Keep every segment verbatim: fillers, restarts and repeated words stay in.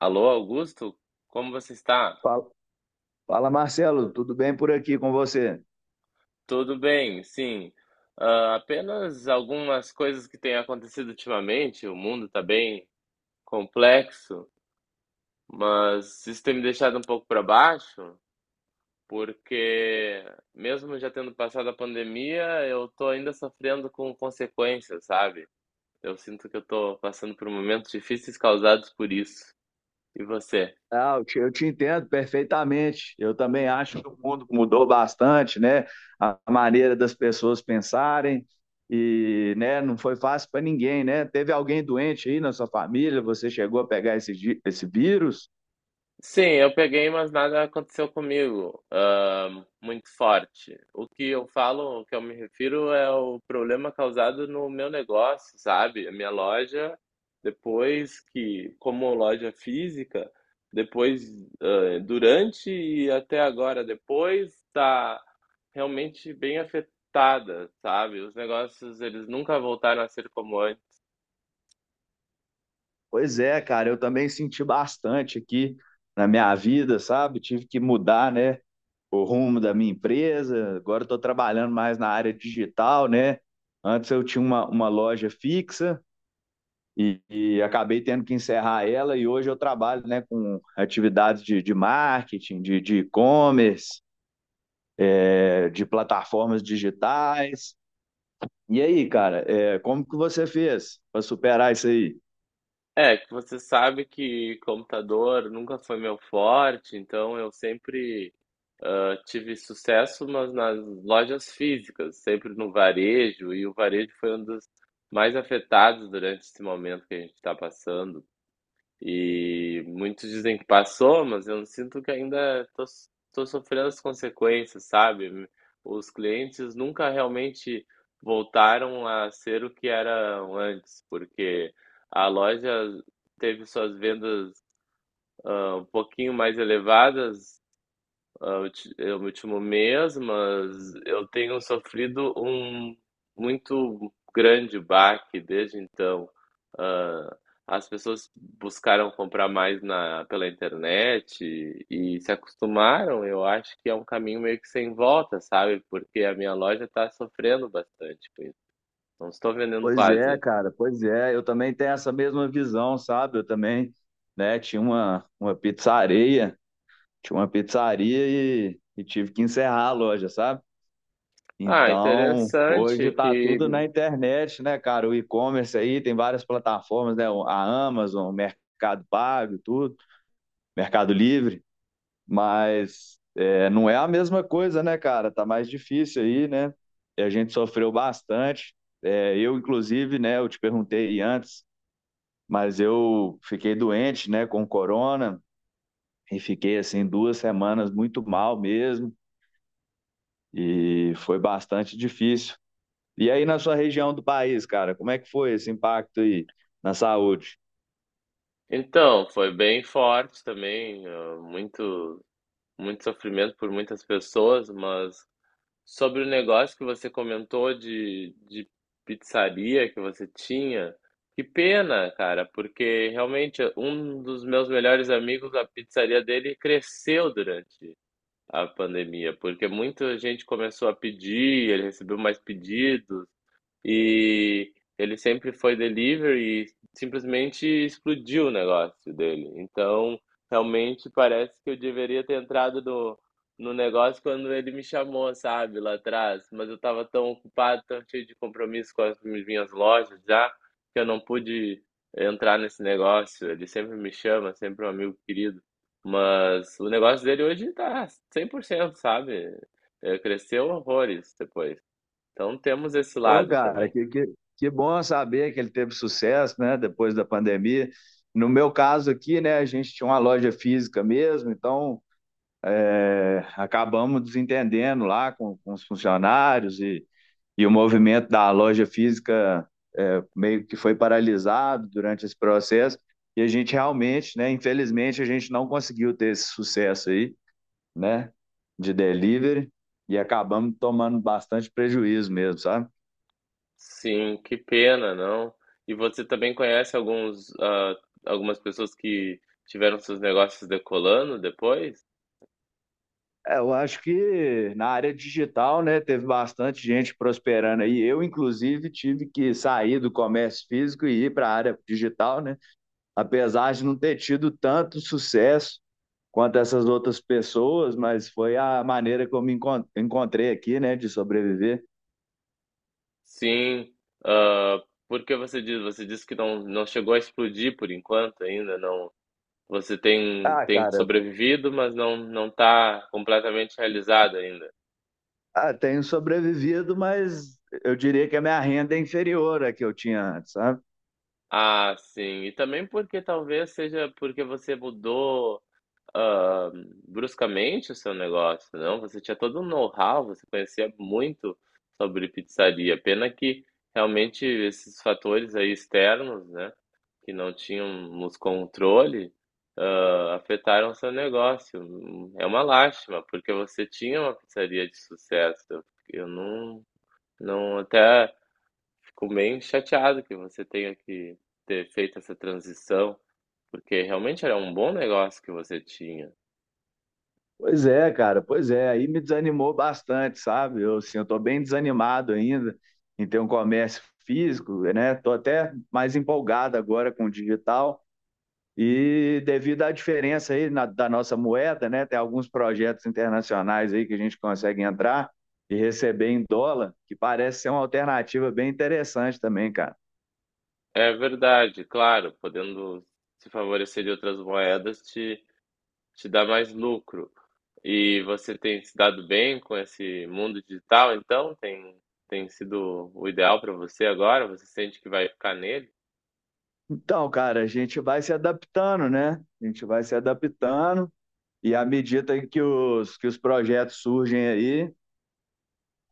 Alô, Augusto? Como você está? Fala, fala, Marcelo, tudo bem por aqui com você? Tudo bem, sim. Ah, apenas algumas coisas que têm acontecido ultimamente. O mundo está bem complexo, mas isso tem me deixado um pouco para baixo, porque mesmo já tendo passado a pandemia, eu estou ainda sofrendo com consequências, sabe? Eu sinto que eu estou passando por momentos difíceis causados por isso. E você? Ah, eu te, eu te entendo perfeitamente. Eu também acho que o mundo mudou bastante, né? A maneira das pessoas pensarem e, né, não foi fácil para ninguém, né? Teve alguém doente aí na sua família? Você chegou a pegar esse, gi- esse vírus? Sim, eu peguei, mas nada aconteceu comigo, ah, muito forte. O que eu falo, o que eu me refiro é o problema causado no meu negócio, sabe? A minha loja, depois que, como loja física, depois, ah, durante e até agora depois, tá realmente bem afetada, sabe? Os negócios, eles nunca voltaram a ser como antes. Pois é, cara, eu também senti bastante aqui na minha vida, sabe? Tive que mudar, né? O rumo da minha empresa. Agora estou trabalhando mais na área digital, né? Antes eu tinha uma, uma loja fixa e, e acabei tendo que encerrar ela e hoje eu trabalho, né, com atividades de, de marketing, de de e-commerce, é, de plataformas digitais. E aí, cara, é, como que você fez para superar isso aí? É, que você sabe que computador nunca foi meu forte, então eu sempre eu tive sucesso, mas nas lojas físicas, sempre no varejo, e o varejo foi um dos mais afetados durante esse momento que a gente está passando. E muitos dizem que passou, mas eu sinto que ainda estou sofrendo as consequências, sabe? Os clientes nunca realmente voltaram a ser o que eram antes, porque a loja teve suas vendas ah, um pouquinho mais elevadas ah, ulti- é o último mês, mas eu tenho sofrido um muito grande baque desde então. Ah, As pessoas buscaram comprar mais na, pela internet e, e se acostumaram. Eu acho que é um caminho meio que sem volta, sabe? Porque a minha loja está sofrendo bastante com isso. Não estou vendendo Pois é, quase. cara, pois é. Eu também tenho essa mesma visão, sabe? Eu também, né, tinha uma, uma pizzaria. Tinha uma pizzaria e, e tive que encerrar a loja, sabe? Ah, Então, hoje interessante tá tudo na que. internet, né, cara? O e-commerce aí tem várias plataformas, né? A Amazon, o Mercado Pago, tudo, Mercado Livre, mas é, não é a mesma coisa, né, cara? Tá mais difícil aí, né? E a gente sofreu bastante. É, eu, inclusive, né, eu te perguntei antes, mas eu fiquei doente, né, com corona e fiquei assim duas semanas muito mal mesmo. E foi bastante difícil. E aí na sua região do país, cara, como é que foi esse impacto aí na saúde? Então, foi bem forte também, ah, muito muito sofrimento por muitas pessoas, mas sobre o negócio que você comentou de, de pizzaria que você tinha, que pena, cara, porque realmente um dos meus melhores amigos, a pizzaria dele cresceu durante a pandemia, porque muita gente começou a pedir, ele recebeu mais pedidos. E ele sempre foi delivery e simplesmente explodiu o negócio dele. Então, realmente parece que eu deveria ter entrado no, no negócio quando ele me chamou, sabe, lá atrás. Mas eu estava tão ocupado, tão cheio de compromisso com as minhas lojas já, que eu não pude entrar nesse negócio. Ele sempre me chama, sempre um amigo querido. Mas o negócio dele hoje tá cem por cento, sabe? É, cresceu horrores depois. Então temos esse Ô, lado cara, também. que, que, que bom saber que ele teve sucesso, né, depois da pandemia. No meu caso aqui, né, a gente tinha uma loja física mesmo, então, é, acabamos desentendendo lá com, com os funcionários e, e o movimento da loja física, é, meio que foi paralisado durante esse processo e a gente realmente, né, infelizmente, a gente não conseguiu ter esse sucesso aí, né, de delivery e acabamos tomando bastante prejuízo mesmo, sabe? Sim, que pena, não. E você também conhece alguns, ah, algumas pessoas que tiveram seus negócios decolando depois? É, eu acho que na área digital, né, teve bastante gente prosperando aí. Eu, inclusive, tive que sair do comércio físico e ir para a área digital, né? Apesar de não ter tido tanto sucesso quanto essas outras pessoas, mas foi a maneira que eu me encon- encontrei aqui, né, de sobreviver. Sim. ah, por que você diz? Você disse que não, não chegou a explodir por enquanto ainda, não. Você tem, Ah, tem cara, sobrevivido, mas não não está completamente realizado ainda. ah, tenho sobrevivido, mas eu diria que a minha renda é inferior à que eu tinha antes, sabe? Ah, sim. E também porque talvez seja porque você mudou hã, bruscamente o seu negócio, não, você tinha todo um know-how, você conhecia muito sobre pizzaria. Pena que realmente esses fatores aí externos, né, que não tínhamos controle, hã, afetaram o seu negócio. Hum, é uma lástima, porque você tinha uma pizzaria de sucesso. Eu não não até fico bem chateado que você tenha que ter feito essa transição, porque realmente era um bom negócio que você tinha. Pois é, cara, pois é. Aí me desanimou bastante, sabe? Eu, assim, eu tô bem desanimado ainda em ter um comércio físico, né? Tô até mais empolgado agora com o digital e devido à diferença aí na- da nossa moeda, né? Tem alguns projetos internacionais aí que a gente consegue entrar e receber em dólar, que parece ser uma alternativa bem interessante também, cara. É verdade, claro, podendo se favorecer de outras moedas te, te dá mais lucro. E você tem se dado bem com esse mundo digital, então? Tem, tem sido o ideal para você agora? Você sente que vai ficar nele? Então, cara, a gente vai se adaptando, né? A gente vai se adaptando. E à medida que os, que os projetos surgem aí,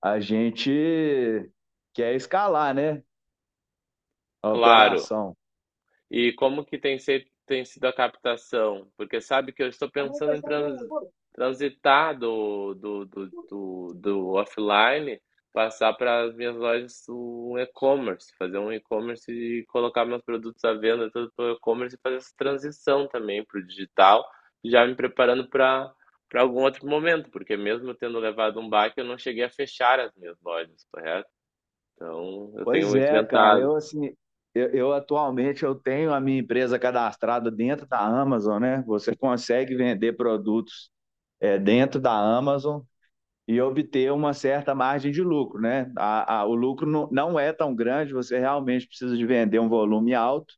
a gente quer escalar, né? A Claro, operação. e como que tem, se- tem sido a captação? Porque sabe que eu estou pensando em trans, transitar do, do, do, do, do offline, passar para as minhas lojas um e-commerce, fazer um e-commerce e colocar meus produtos à venda tudo pelo e-commerce e fazer essa transição também para o digital, já me preparando para para algum outro momento, porque mesmo eu tendo levado um baque, eu não cheguei a fechar as minhas lojas, correto? Então, eu tenho Pois é, cara. enfrentado. Eu, assim, eu, eu atualmente eu tenho a minha empresa cadastrada dentro da Amazon, né? Você consegue vender produtos, é, dentro da Amazon e obter uma certa margem de lucro, né? A, a- o lucro não, não é tão grande, você realmente precisa de vender um volume alto,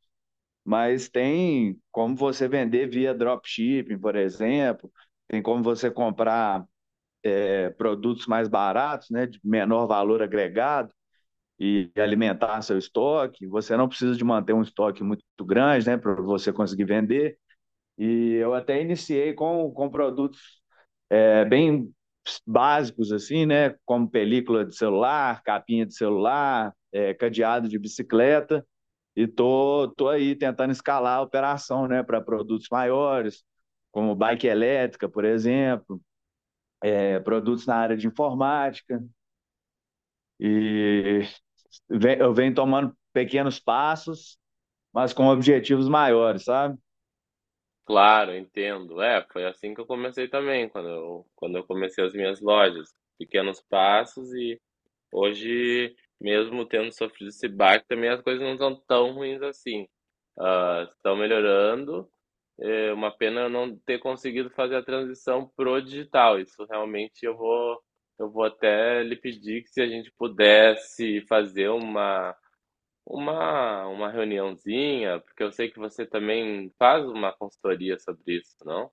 mas tem como você vender via dropshipping, por exemplo, tem como você comprar, é, produtos mais baratos, né, de menor valor agregado e alimentar seu estoque. Você não precisa de manter um estoque muito grande, né, para você conseguir vender. E eu até iniciei com, com produtos, é, bem básicos assim, né, como película de celular, capinha de celular, é, cadeado de bicicleta. E tô, tô aí tentando escalar a operação, né, para produtos maiores, como bike elétrica, por exemplo, é, produtos na área de informática. E eu venho tomando pequenos passos, mas com objetivos maiores, sabe? Claro, entendo. É, foi assim que eu comecei também, quando eu, quando eu comecei as minhas lojas. Pequenos passos e hoje, mesmo tendo sofrido esse baque, também as coisas não estão tão ruins assim. Ah, estão melhorando. É uma pena eu não ter conseguido fazer a transição pro digital. Isso realmente eu vou, eu vou até lhe pedir que se a gente pudesse fazer uma uma uma reuniãozinha, porque eu sei que você também faz uma consultoria sobre isso, não?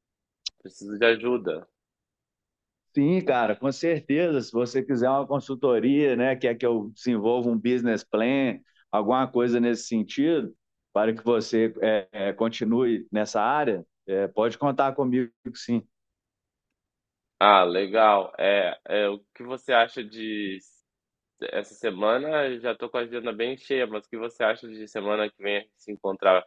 Preciso de ajuda. Sim, cara, com certeza. Se você quiser uma consultoria, né, quer que eu desenvolva um business plan, alguma coisa nesse sentido, para que você é, é, continue nessa área, é, pode contar comigo, sim. Ah, legal. É, é, o que você acha de essa semana? Já tô com a agenda bem cheia, mas o que você acha de semana que vem se encontrar?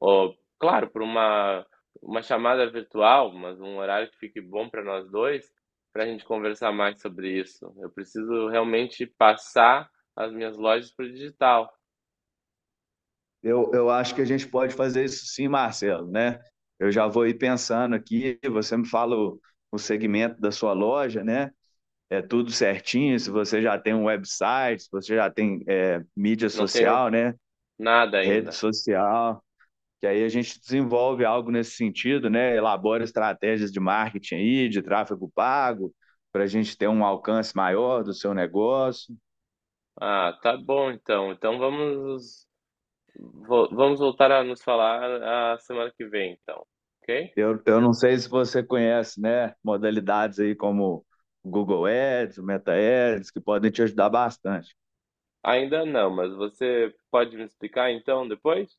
Oh, claro, por uma uma chamada virtual, mas um horário que fique bom para nós dois, para a gente conversar mais sobre isso. Eu preciso realmente passar as minhas lojas para o digital. Eu, eu acho que a gente pode fazer isso, sim, Marcelo, né? Eu já vou ir pensando aqui, você me fala o, o segmento da sua loja, né? É tudo certinho, se você já tem um website, se você já tem, é, mídia Não tenho social, né? nada Rede ainda. social. Que aí a gente desenvolve algo nesse sentido, né? Elabora estratégias de marketing aí, de tráfego pago, para a gente ter um alcance maior do seu negócio. Ah, tá bom então. Então vamos vo- vamos voltar a nos falar a semana que vem, então, ok? Eu, eu não sei se você conhece, né? Modalidades aí como o Google Ads, o Meta Ads, que podem te ajudar bastante. Ainda não, mas você pode me explicar então depois?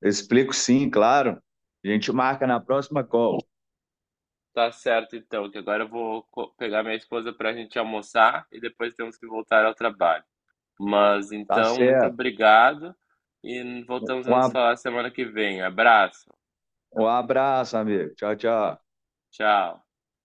Eu explico, sim, claro. A gente marca na próxima call. Tá certo então, que agora eu vou co- pegar minha esposa pra gente almoçar e depois temos que voltar ao trabalho. Mas Tá então, muito certo. obrigado e voltamos a nos Um, falar semana que vem. Abraço. Um abraço, amigo. Tchau, tchau. Tchau.